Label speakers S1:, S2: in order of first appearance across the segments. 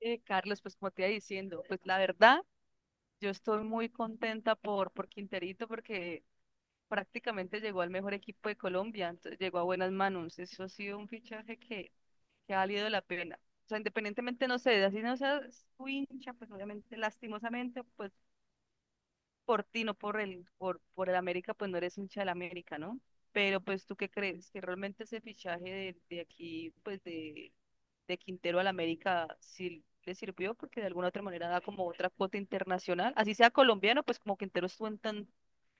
S1: Carlos, pues como te iba diciendo, pues la verdad, yo estoy muy contenta por Quinterito porque prácticamente llegó al mejor equipo de Colombia, entonces llegó a buenas manos. Eso ha sido un fichaje que ha valido la pena. O sea, independientemente, no sé, así no seas su hincha, pues obviamente, lastimosamente, pues por ti, no por el América, pues no eres hincha del América, ¿no? Pero pues tú qué crees, que realmente ese fichaje de aquí, pues de Quintero al América, sí le sirvió porque de alguna otra manera da como otra cuota internacional, así sea colombiano, pues como Quintero estuvo en tan,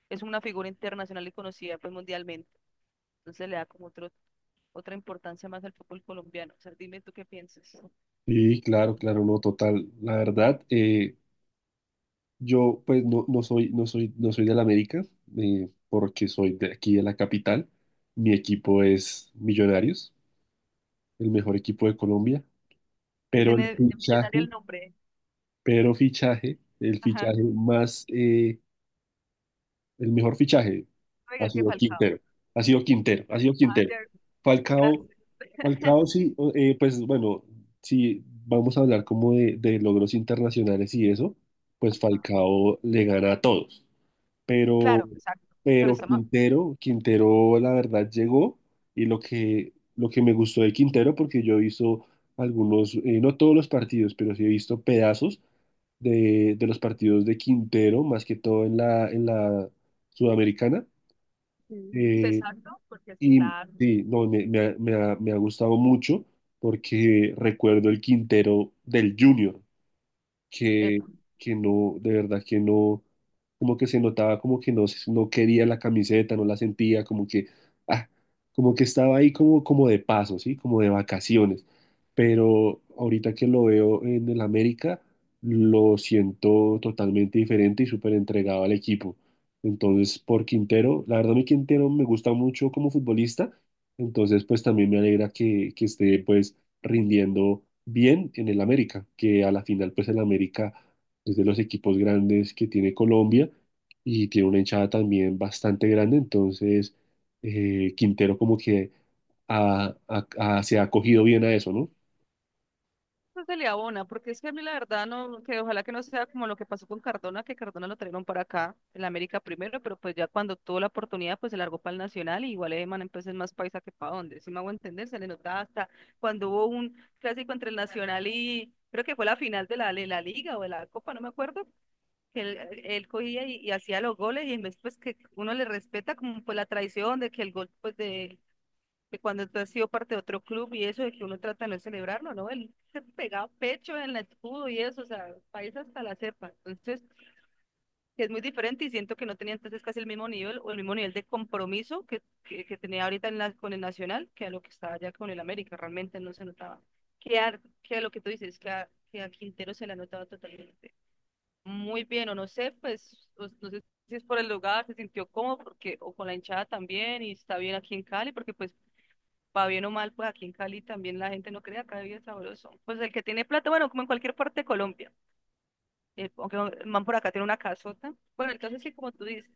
S1: es una figura internacional y conocida pues mundialmente, entonces le da como otra importancia más al fútbol colombiano. O sea, dime tú qué piensas.
S2: Sí, claro, claro, no, total. La verdad, yo pues no soy del América, porque soy de aquí de la capital. Mi equipo es Millonarios, el mejor equipo de Colombia.
S1: Que
S2: Pero el
S1: tiene de millonario
S2: fichaje,
S1: el nombre.
S2: el
S1: Ajá,
S2: fichaje más el mejor fichaje ha
S1: oiga, que
S2: sido
S1: Falcao.
S2: Quintero, ha sido Quintero, ha sido
S1: Ah,
S2: Quintero.
S1: ya, gracias.
S2: Falcao, Falcao sí, pues bueno, si vamos a hablar como de logros internacionales y eso, pues Falcao le gana a todos. Pero,
S1: Claro, exacto. Pero
S2: pero
S1: estamos.
S2: Quintero, Quintero, la verdad llegó y lo que me gustó de Quintero, porque yo he visto algunos, no todos los partidos, pero sí he visto pedazos de los partidos de Quintero, más que todo en en la Sudamericana.
S1: Mm.
S2: Eh,
S1: Exacto, porque es
S2: y
S1: claro,
S2: sí, no, me ha gustado mucho porque recuerdo el Quintero del Junior que,
S1: epa,
S2: que no, de verdad que no, como que se notaba como que no, no quería la camiseta, no la sentía, ah, como que estaba ahí como, como de paso, ¿sí? Como de vacaciones. Pero ahorita que lo veo en el América, lo siento totalmente diferente y súper entregado al equipo. Entonces, por Quintero, la verdad, mi Quintero me gusta mucho como futbolista, entonces pues también me alegra que esté pues rindiendo bien en el América, que a la final pues el América es de los equipos grandes que tiene Colombia y tiene una hinchada también bastante grande, entonces Quintero como que se ha acogido bien a eso, ¿no?
S1: eso se le abona, porque es que a mí la verdad no, que ojalá que no sea como lo que pasó con Cardona, que Cardona lo trajeron para acá, en la América primero, pero pues ya cuando tuvo la oportunidad, pues se largó para el Nacional, y igual Eman entonces es más paisa que para dónde, si me hago entender, se le notaba hasta cuando hubo un clásico entre el Nacional y creo que fue la final de la Liga o de la Copa, no me acuerdo, que él cogía y hacía los goles, y en vez pues que uno le respeta como pues la tradición de que el gol pues de que cuando tú has sido parte de otro club y eso, de que uno trata de no celebrarlo, ¿no? Él se pegaba pecho en el escudo y eso, o sea, país hasta la cepa. Entonces, que es muy diferente y siento que no tenía entonces casi el mismo nivel o el mismo nivel de compromiso que tenía ahorita con el Nacional que a lo que estaba ya con el América, realmente no se notaba. Que a lo que tú dices, que a Quintero se le notaba totalmente. Muy bien, o no sé, pues, no sé si es por el lugar, se sintió cómodo porque, o con la hinchada también y está bien aquí en Cali, porque pues para bien o mal, pues aquí en Cali también la gente no crea, acá es sabroso. Pues el que tiene plata, bueno, como en cualquier parte de Colombia, aunque el man por acá tiene una casota. Bueno, entonces sí, como tú dices,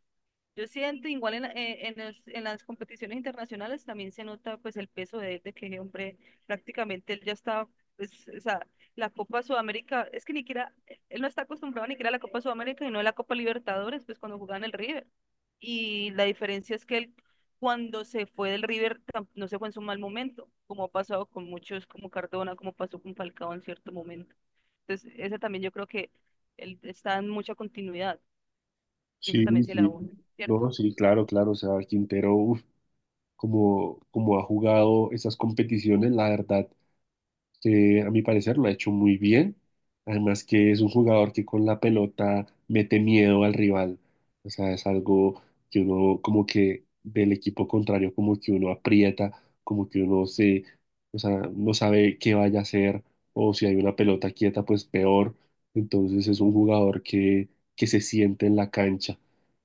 S1: yo siento igual en, la- en, los- en las competiciones internacionales también se nota pues el peso de él, de que hombre prácticamente él ya está, pues, o sea, la Copa Sudamérica, es que ni siquiera, él no está acostumbrado ni siquiera a la Copa Sudamérica y no a la Copa Libertadores, pues cuando jugaba en el River. Y la diferencia es que él cuando se fue del River no se fue en su mal momento, como ha pasado con muchos, como Cardona, como pasó con Falcao en cierto momento. Entonces, ese también yo creo que él está en mucha continuidad, que ese
S2: Sí,
S1: también se la
S2: sí.
S1: une,
S2: No,
S1: ¿cierto?
S2: sí, claro, claro. O sea, Quintero, uf, como, como ha jugado esas competiciones, la verdad, que a mi parecer lo ha hecho muy bien. Además que es un jugador que con la pelota mete miedo al rival. O sea, es algo que uno como que del equipo contrario como que uno aprieta, como que uno se, o sea, no sabe qué vaya a hacer o si hay una pelota quieta, pues peor. Entonces es un jugador que se siente en la cancha.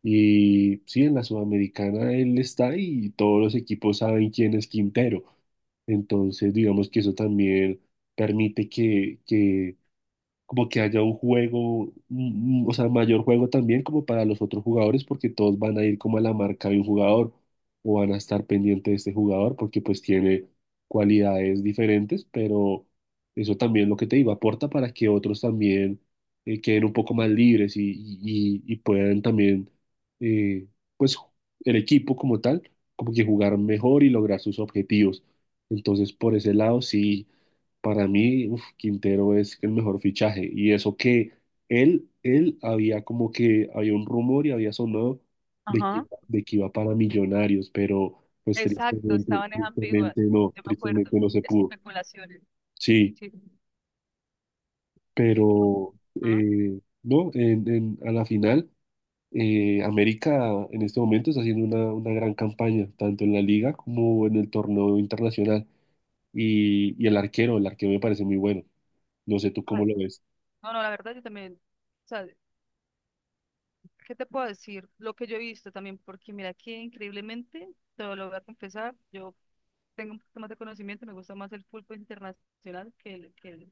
S2: Y sí, en la Sudamericana él está y todos los equipos saben quién es Quintero. Entonces, digamos que eso también permite que como que haya un juego, o sea, mayor juego también como para los otros jugadores, porque todos van a ir como a la marca de un jugador o van a estar pendientes de este jugador porque pues tiene cualidades diferentes, pero eso también lo que te digo, aporta para que otros también queden un poco más libres y puedan también, eh, pues el equipo como tal, como que jugar mejor y lograr sus objetivos. Entonces, por ese lado, sí. Para mí, uf, Quintero es el mejor fichaje. Y eso que él había como que había un rumor y había sonado
S1: Ajá.
S2: de que iba para Millonarios, pero pues
S1: Exacto,
S2: tristemente,
S1: estaban en ambiguas. Yo me acuerdo.
S2: tristemente no se pudo.
S1: Especulaciones.
S2: Sí,
S1: Sí.
S2: pero
S1: Ajá.
S2: no, a la final, América en este momento está haciendo una gran campaña, tanto en la liga como en el torneo internacional. Y el arquero me parece muy bueno. No sé tú cómo
S1: Ay,
S2: lo ves.
S1: no, no, la verdad yo también. O sea, ¿qué te puedo decir? Lo que yo he visto también, porque mira, aquí increíblemente, te lo voy a confesar, yo tengo un poquito más de conocimiento, me gusta más el fútbol internacional que el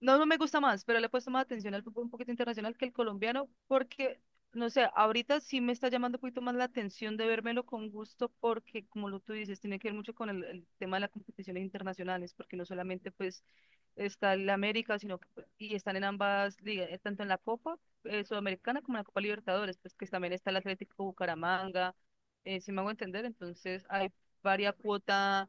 S1: No, no me gusta más, pero le he puesto más atención al fútbol un poquito internacional que el colombiano, porque, no sé, ahorita sí me está llamando un poquito más la atención de vérmelo con gusto, porque como lo tú dices, tiene que ver mucho con el tema de las competiciones internacionales, porque no solamente pues está el América, sino que pues, y están en ambas ligas, tanto en la Copa Sudamericana como en la Copa Libertadores, pues que también está el Atlético Bucaramanga, si me hago entender, entonces hay varia cuota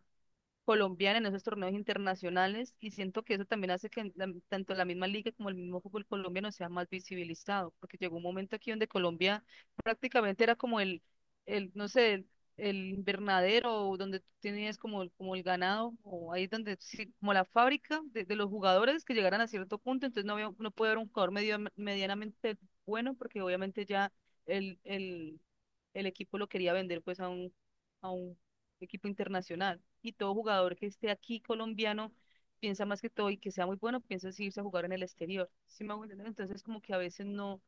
S1: colombiana en esos torneos internacionales y siento que eso también hace que tanto la misma liga como el mismo fútbol colombiano sea más visibilizado, porque llegó un momento aquí donde Colombia prácticamente era como el no sé, el invernadero o donde tú tenías como, como el ganado o ahí donde sí, como la fábrica de los jugadores que llegaran a cierto punto, entonces no había, no puede haber un jugador medianamente bueno porque obviamente ya el, el, el equipo lo quería vender pues a un equipo internacional. Y todo jugador que esté aquí colombiano piensa más que todo y que sea muy bueno, piensa si irse a jugar en el exterior. ¿Sí me hago entender? Entonces, como que a veces no,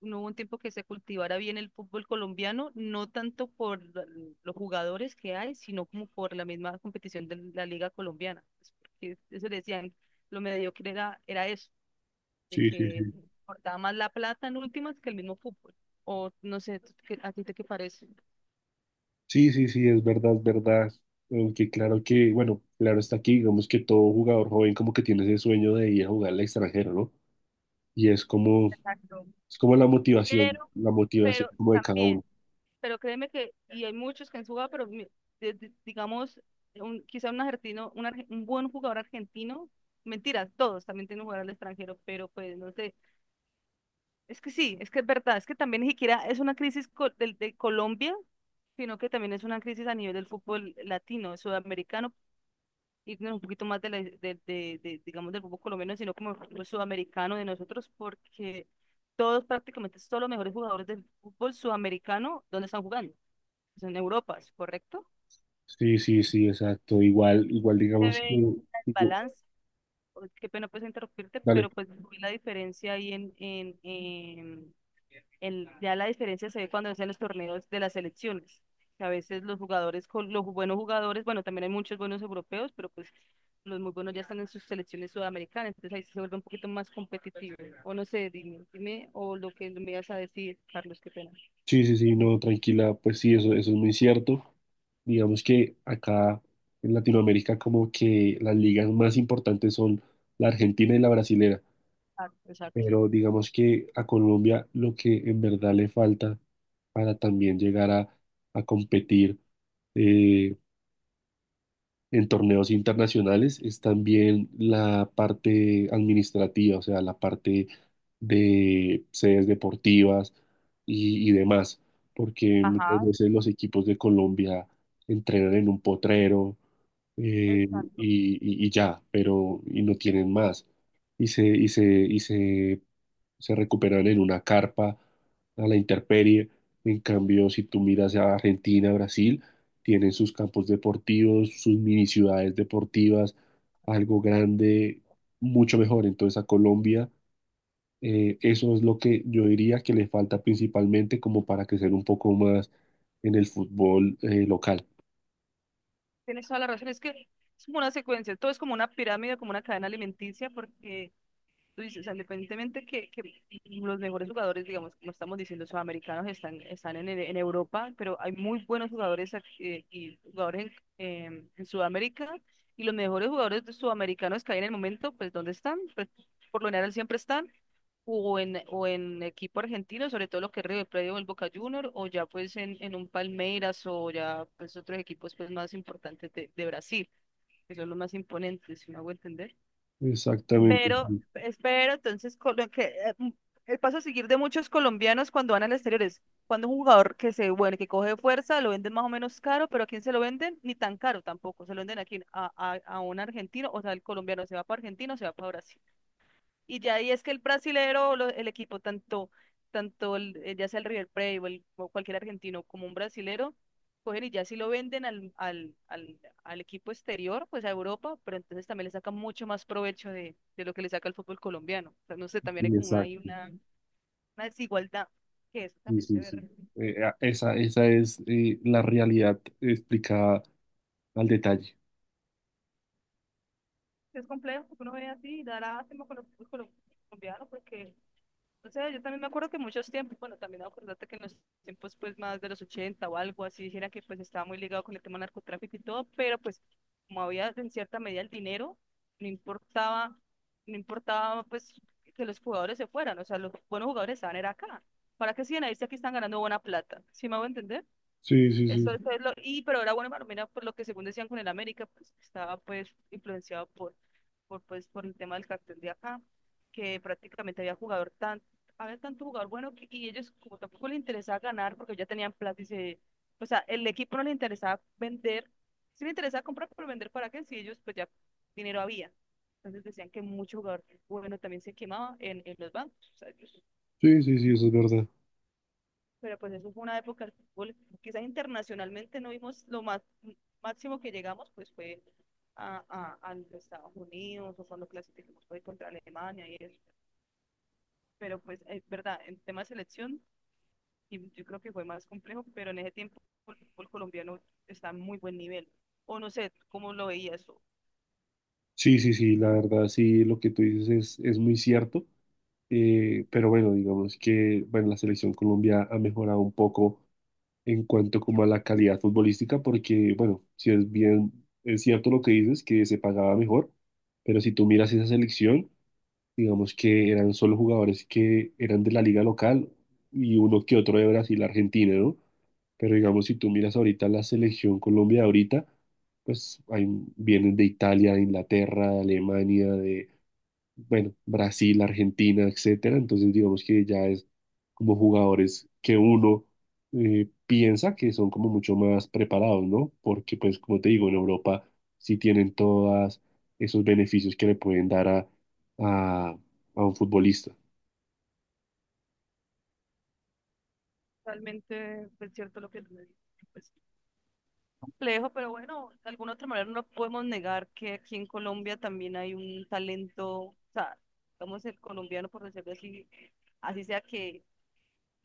S1: no hubo un tiempo que se cultivara bien el fútbol colombiano, no tanto por los jugadores que hay, sino como por la misma competición de la liga colombiana. Pues, porque eso le decían, lo mediocre era eso, de
S2: Sí, sí,
S1: que
S2: sí.
S1: importaba más la plata en últimas que el mismo fútbol. O no sé, ¿a ti te qué parece?
S2: Sí, sí, sí, es verdad, es verdad. Aunque claro que, bueno, claro está aquí, digamos que todo jugador joven como que tiene ese sueño de ir a jugar al extranjero, ¿no? Y
S1: Exacto.
S2: es como
S1: Pero,
S2: la motivación
S1: pero
S2: como de cada
S1: también,
S2: uno.
S1: pero créeme que, y hay muchos que han jugado, pero digamos, quizá un argentino, un buen jugador argentino, mentiras, todos también tienen que jugar al extranjero, pero pues no sé, es que sí, es que es verdad, es que también ni siquiera es una crisis Colombia, sino que también es una crisis a nivel del fútbol latino, sudamericano, y no, un poquito más de, la- de, digamos, del fútbol colombiano, sino como el fútbol sudamericano de nosotros, porque todos prácticamente, todos los mejores jugadores del fútbol sudamericano, ¿dónde están jugando? Pues, en Europa, ¿es correcto?
S2: Sí, sí, sí, exacto. Igual, igual
S1: Se
S2: digamos,
S1: ve el
S2: no, digo,
S1: balance. Uy, qué pena pues interrumpirte,
S2: dale.
S1: pero pues vi la diferencia ahí ya la diferencia se ve cuando hacen los torneos de las selecciones. Que a veces los jugadores, con los buenos jugadores, bueno, también hay muchos buenos europeos, pero pues los muy buenos ya están en sus selecciones sudamericanas, entonces ahí sí se vuelve un poquito más competitivo. O no sé, dime, dime, o lo que me ibas a decir, Carlos, qué pena.
S2: Sí, sí, sí, no, tranquila, pues sí, eso es muy cierto. Digamos que acá en Latinoamérica como que las ligas más importantes son la Argentina y la brasilera.
S1: Ah, exacto.
S2: Pero digamos que a Colombia lo que en verdad le falta para también llegar a competir eh, en torneos internacionales es también la parte administrativa, o sea, la parte de sedes deportivas y demás, porque muchas
S1: Ajá,
S2: veces los equipos de Colombia entrenan en un potrero eh,
S1: exacto.
S2: y ya, pero y no tienen más. Y se se recuperan en una carpa a la intemperie. En cambio, si tú miras a Argentina, Brasil, tienen sus campos deportivos, sus mini ciudades deportivas, algo grande, mucho mejor. Entonces a Colombia, eso es lo que yo diría que le falta principalmente como para crecer un poco más en el fútbol local.
S1: Tienes toda la razón, es que es como una secuencia, todo es como una pirámide, como una cadena alimenticia, porque tú dices, o sea, independientemente que los mejores jugadores, digamos, como estamos diciendo, sudamericanos están en Europa, pero hay muy buenos jugadores y jugadores en Sudamérica, y los mejores jugadores sudamericanos que hay en el momento, pues, ¿dónde están? Pues, por lo general siempre están o en equipo argentino, sobre todo lo que es River Plate o el Boca Juniors, o ya pues en un Palmeiras o ya pues otros equipos pues más importantes de Brasil, que son los más imponentes, si me hago entender. Ujú.
S2: Exactamente,
S1: Pero
S2: sí,
S1: espero entonces con lo que el paso a seguir de muchos colombianos cuando van al exterior es cuando un jugador que se bueno, que coge fuerza, lo venden más o menos caro, pero ¿a quién se lo venden? Ni tan caro tampoco, se lo venden aquí a un argentino, o sea, el colombiano se va para Argentina o se va para Brasil. Y ya ahí es que el brasilero, el equipo, tanto, ya sea el River Plate o cualquier argentino como un brasilero, cogen y ya si lo venden al equipo exterior, pues a Europa, pero entonces también le sacan mucho más provecho de lo que le saca el fútbol colombiano. O sea, no sé, también hay
S2: sí,
S1: como una, hay
S2: exacto.
S1: una, una desigualdad, que eso
S2: Sí,
S1: también se
S2: sí,
S1: ve.
S2: sí. Esa, esa es la realidad explicada al detalle.
S1: Es complejo, porque uno ve así, y da lástima con los fútbol colombiano, porque o sea, yo también me acuerdo que muchos tiempos, bueno, también acordate que en los tiempos pues más de los 80 o algo así, dijera que pues estaba muy ligado con el tema del narcotráfico y todo, pero pues como había en cierta medida el dinero, no importaba, no importaba pues que los jugadores se fueran, o sea, los buenos jugadores estaban era acá. ¿Para qué siguen ahí si aquí están ganando buena plata? ¿Sí me hago entender?
S2: Sí, sí,
S1: Eso
S2: sí.
S1: fue lo, y pero era bueno para por lo que según decían con el América, pues estaba pues influenciado por pues por el tema del cartel de acá, que prácticamente había jugador tan, había tanto jugador bueno que, y ellos como tampoco les interesaba ganar porque ya tenían plata y se, o sea, el equipo no le interesaba vender, sí le interesaba comprar, pero vender para qué, si ellos pues ya dinero había. Entonces decían que mucho jugador bueno también se quemaba en los bancos. O sea, ellos
S2: Sí, sí, sí, eso es verdad.
S1: pero pues eso fue una época del fútbol. Quizás internacionalmente no vimos lo más máximo que llegamos, pues fue a los Estados Unidos o cuando clasificamos fue contra Alemania y eso. Pero pues es verdad, en tema de selección y yo creo que fue más complejo, pero en ese tiempo el fútbol colombiano está en muy buen nivel. O no sé, ¿cómo lo veías?
S2: Sí, sí, sí, la verdad, sí, lo que tú dices es muy cierto. Pero bueno, digamos que bueno, la selección Colombia ha mejorado un poco en cuanto como a la calidad futbolística, porque bueno, si es bien, es cierto lo que dices, que se pagaba mejor, pero si tú miras esa selección, digamos que eran solo jugadores que eran de la liga local y uno que otro de Brasil, Argentina, ¿no? Pero digamos, si tú miras ahorita la selección Colombia de ahorita, pues hay, vienen de Italia, de Inglaterra, de Alemania, de, bueno, Brasil, Argentina, etcétera. Entonces, digamos que ya es como jugadores que uno piensa que son como mucho más preparados, ¿no? Porque, pues, como te digo, en Europa sí tienen todos esos beneficios que le pueden dar a, a un futbolista.
S1: Realmente es cierto lo que tú me dices, pues complejo, pero bueno, de alguna otra manera no podemos negar que aquí en Colombia también hay un talento, o sea, digamos el colombiano, por decirlo así, así sea que,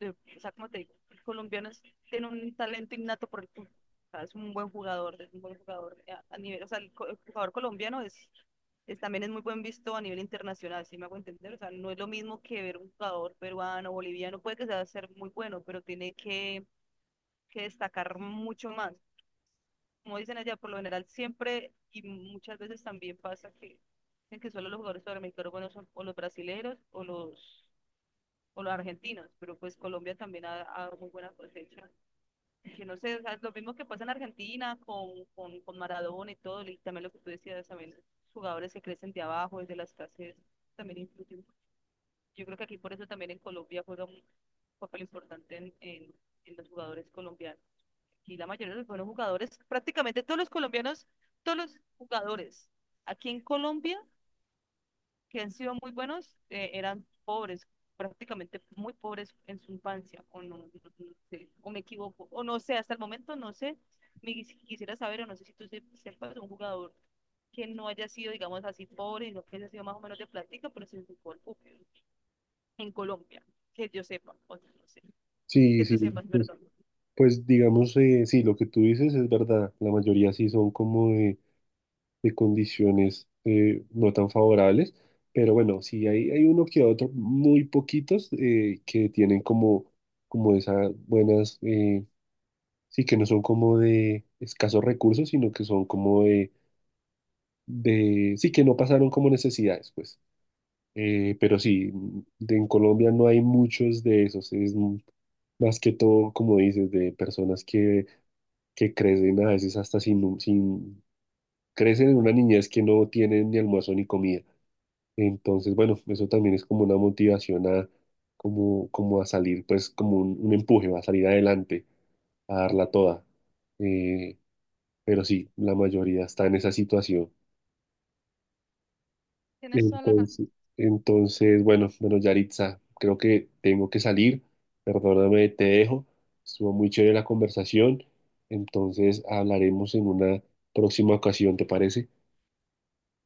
S1: eh, o sea, como te digo, el colombiano es- tiene un talento innato por el fútbol, o sea, es un buen jugador, es un buen jugador a nivel, o sea, el, co- el jugador colombiano es también es muy buen visto a nivel internacional, si me hago entender, o sea, no es lo mismo que ver un jugador peruano, boliviano, puede que sea ser muy bueno, pero tiene que destacar mucho más como dicen allá, por lo general siempre y muchas veces también pasa que dicen que solo los jugadores sudamericanos buenos son o los brasileros o los argentinos, pero pues Colombia también ha, ha dado muy buena cosecha. Que no sé, o sea, es lo mismo que pasa en Argentina con Maradona y todo, y también lo que tú decías, también los jugadores que crecen de abajo, desde las clases, también influyen. Yo creo que aquí por eso también en Colombia juega un papel importante en los jugadores colombianos. Y la mayoría de los jugadores, prácticamente todos los colombianos, todos los jugadores aquí en Colombia que han sido muy buenos, eran pobres, prácticamente muy pobres en su infancia, o no, no sé, o me equivoco, o no sé, hasta el momento no sé, me quisiera saber, o no sé si tú sepas de un jugador que no haya sido, digamos así, pobre, sino que haya sido más o menos de plática, pero sin fútbol ok, en Colombia, que yo sepa, o no sé,
S2: Sí,
S1: que
S2: sí,
S1: tú sepas, perdón.
S2: pues digamos, sí, lo que tú dices es verdad. La mayoría sí son como de condiciones no tan favorables, pero bueno, sí hay uno que otro, muy poquitos, que tienen como, como esas buenas, sí, que no son como de escasos recursos, sino que son como de sí, que no pasaron como necesidades, pues. Pero sí, en Colombia no hay muchos de esos, es más que todo, como dices, de personas que crecen a veces hasta sin, sin, crecen en una niñez que no tienen ni almuerzo ni comida. Entonces, bueno, eso también es como una motivación a, como, como a salir, pues como un empuje, a salir adelante, a darla toda. Eh, pero sí, la mayoría está en esa situación.
S1: Tienes toda la razón.
S2: Entonces, entonces, bueno, bueno, Yaritza, creo que tengo que salir. Perdóname, te dejo. Estuvo muy chévere la conversación. Entonces hablaremos en una próxima ocasión, ¿te parece?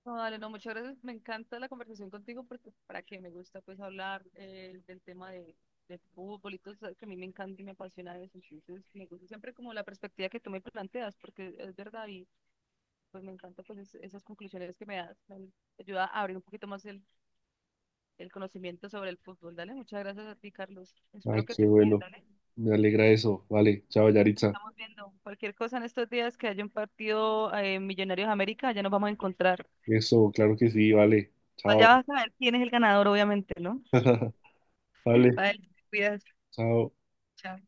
S1: No, dale, no, muchas gracias. Me encanta la conversación contigo porque para que me gusta pues hablar del tema de fútbol y todo, sabes que a mí me encanta y me apasiona eso. Entonces, me gusta siempre como la perspectiva que tú me planteas porque es verdad y pues me encanta pues esas conclusiones que me das. Me ayuda a abrir un poquito más el conocimiento sobre el fútbol. Dale, muchas gracias a ti, Carlos. Espero
S2: Ay,
S1: que
S2: qué
S1: te cuides,
S2: bueno.
S1: dale.
S2: Me alegra eso. Vale, chao,
S1: Nos
S2: Yaritza.
S1: estamos viendo cualquier cosa en estos días que haya un partido Millonarios América, ya nos vamos a encontrar.
S2: Eso, claro que sí, vale.
S1: Igual ya
S2: Chao.
S1: vas a ver quién es el ganador, obviamente, ¿no?
S2: Vale,
S1: Vale, te cuidas.
S2: chao.
S1: Chao.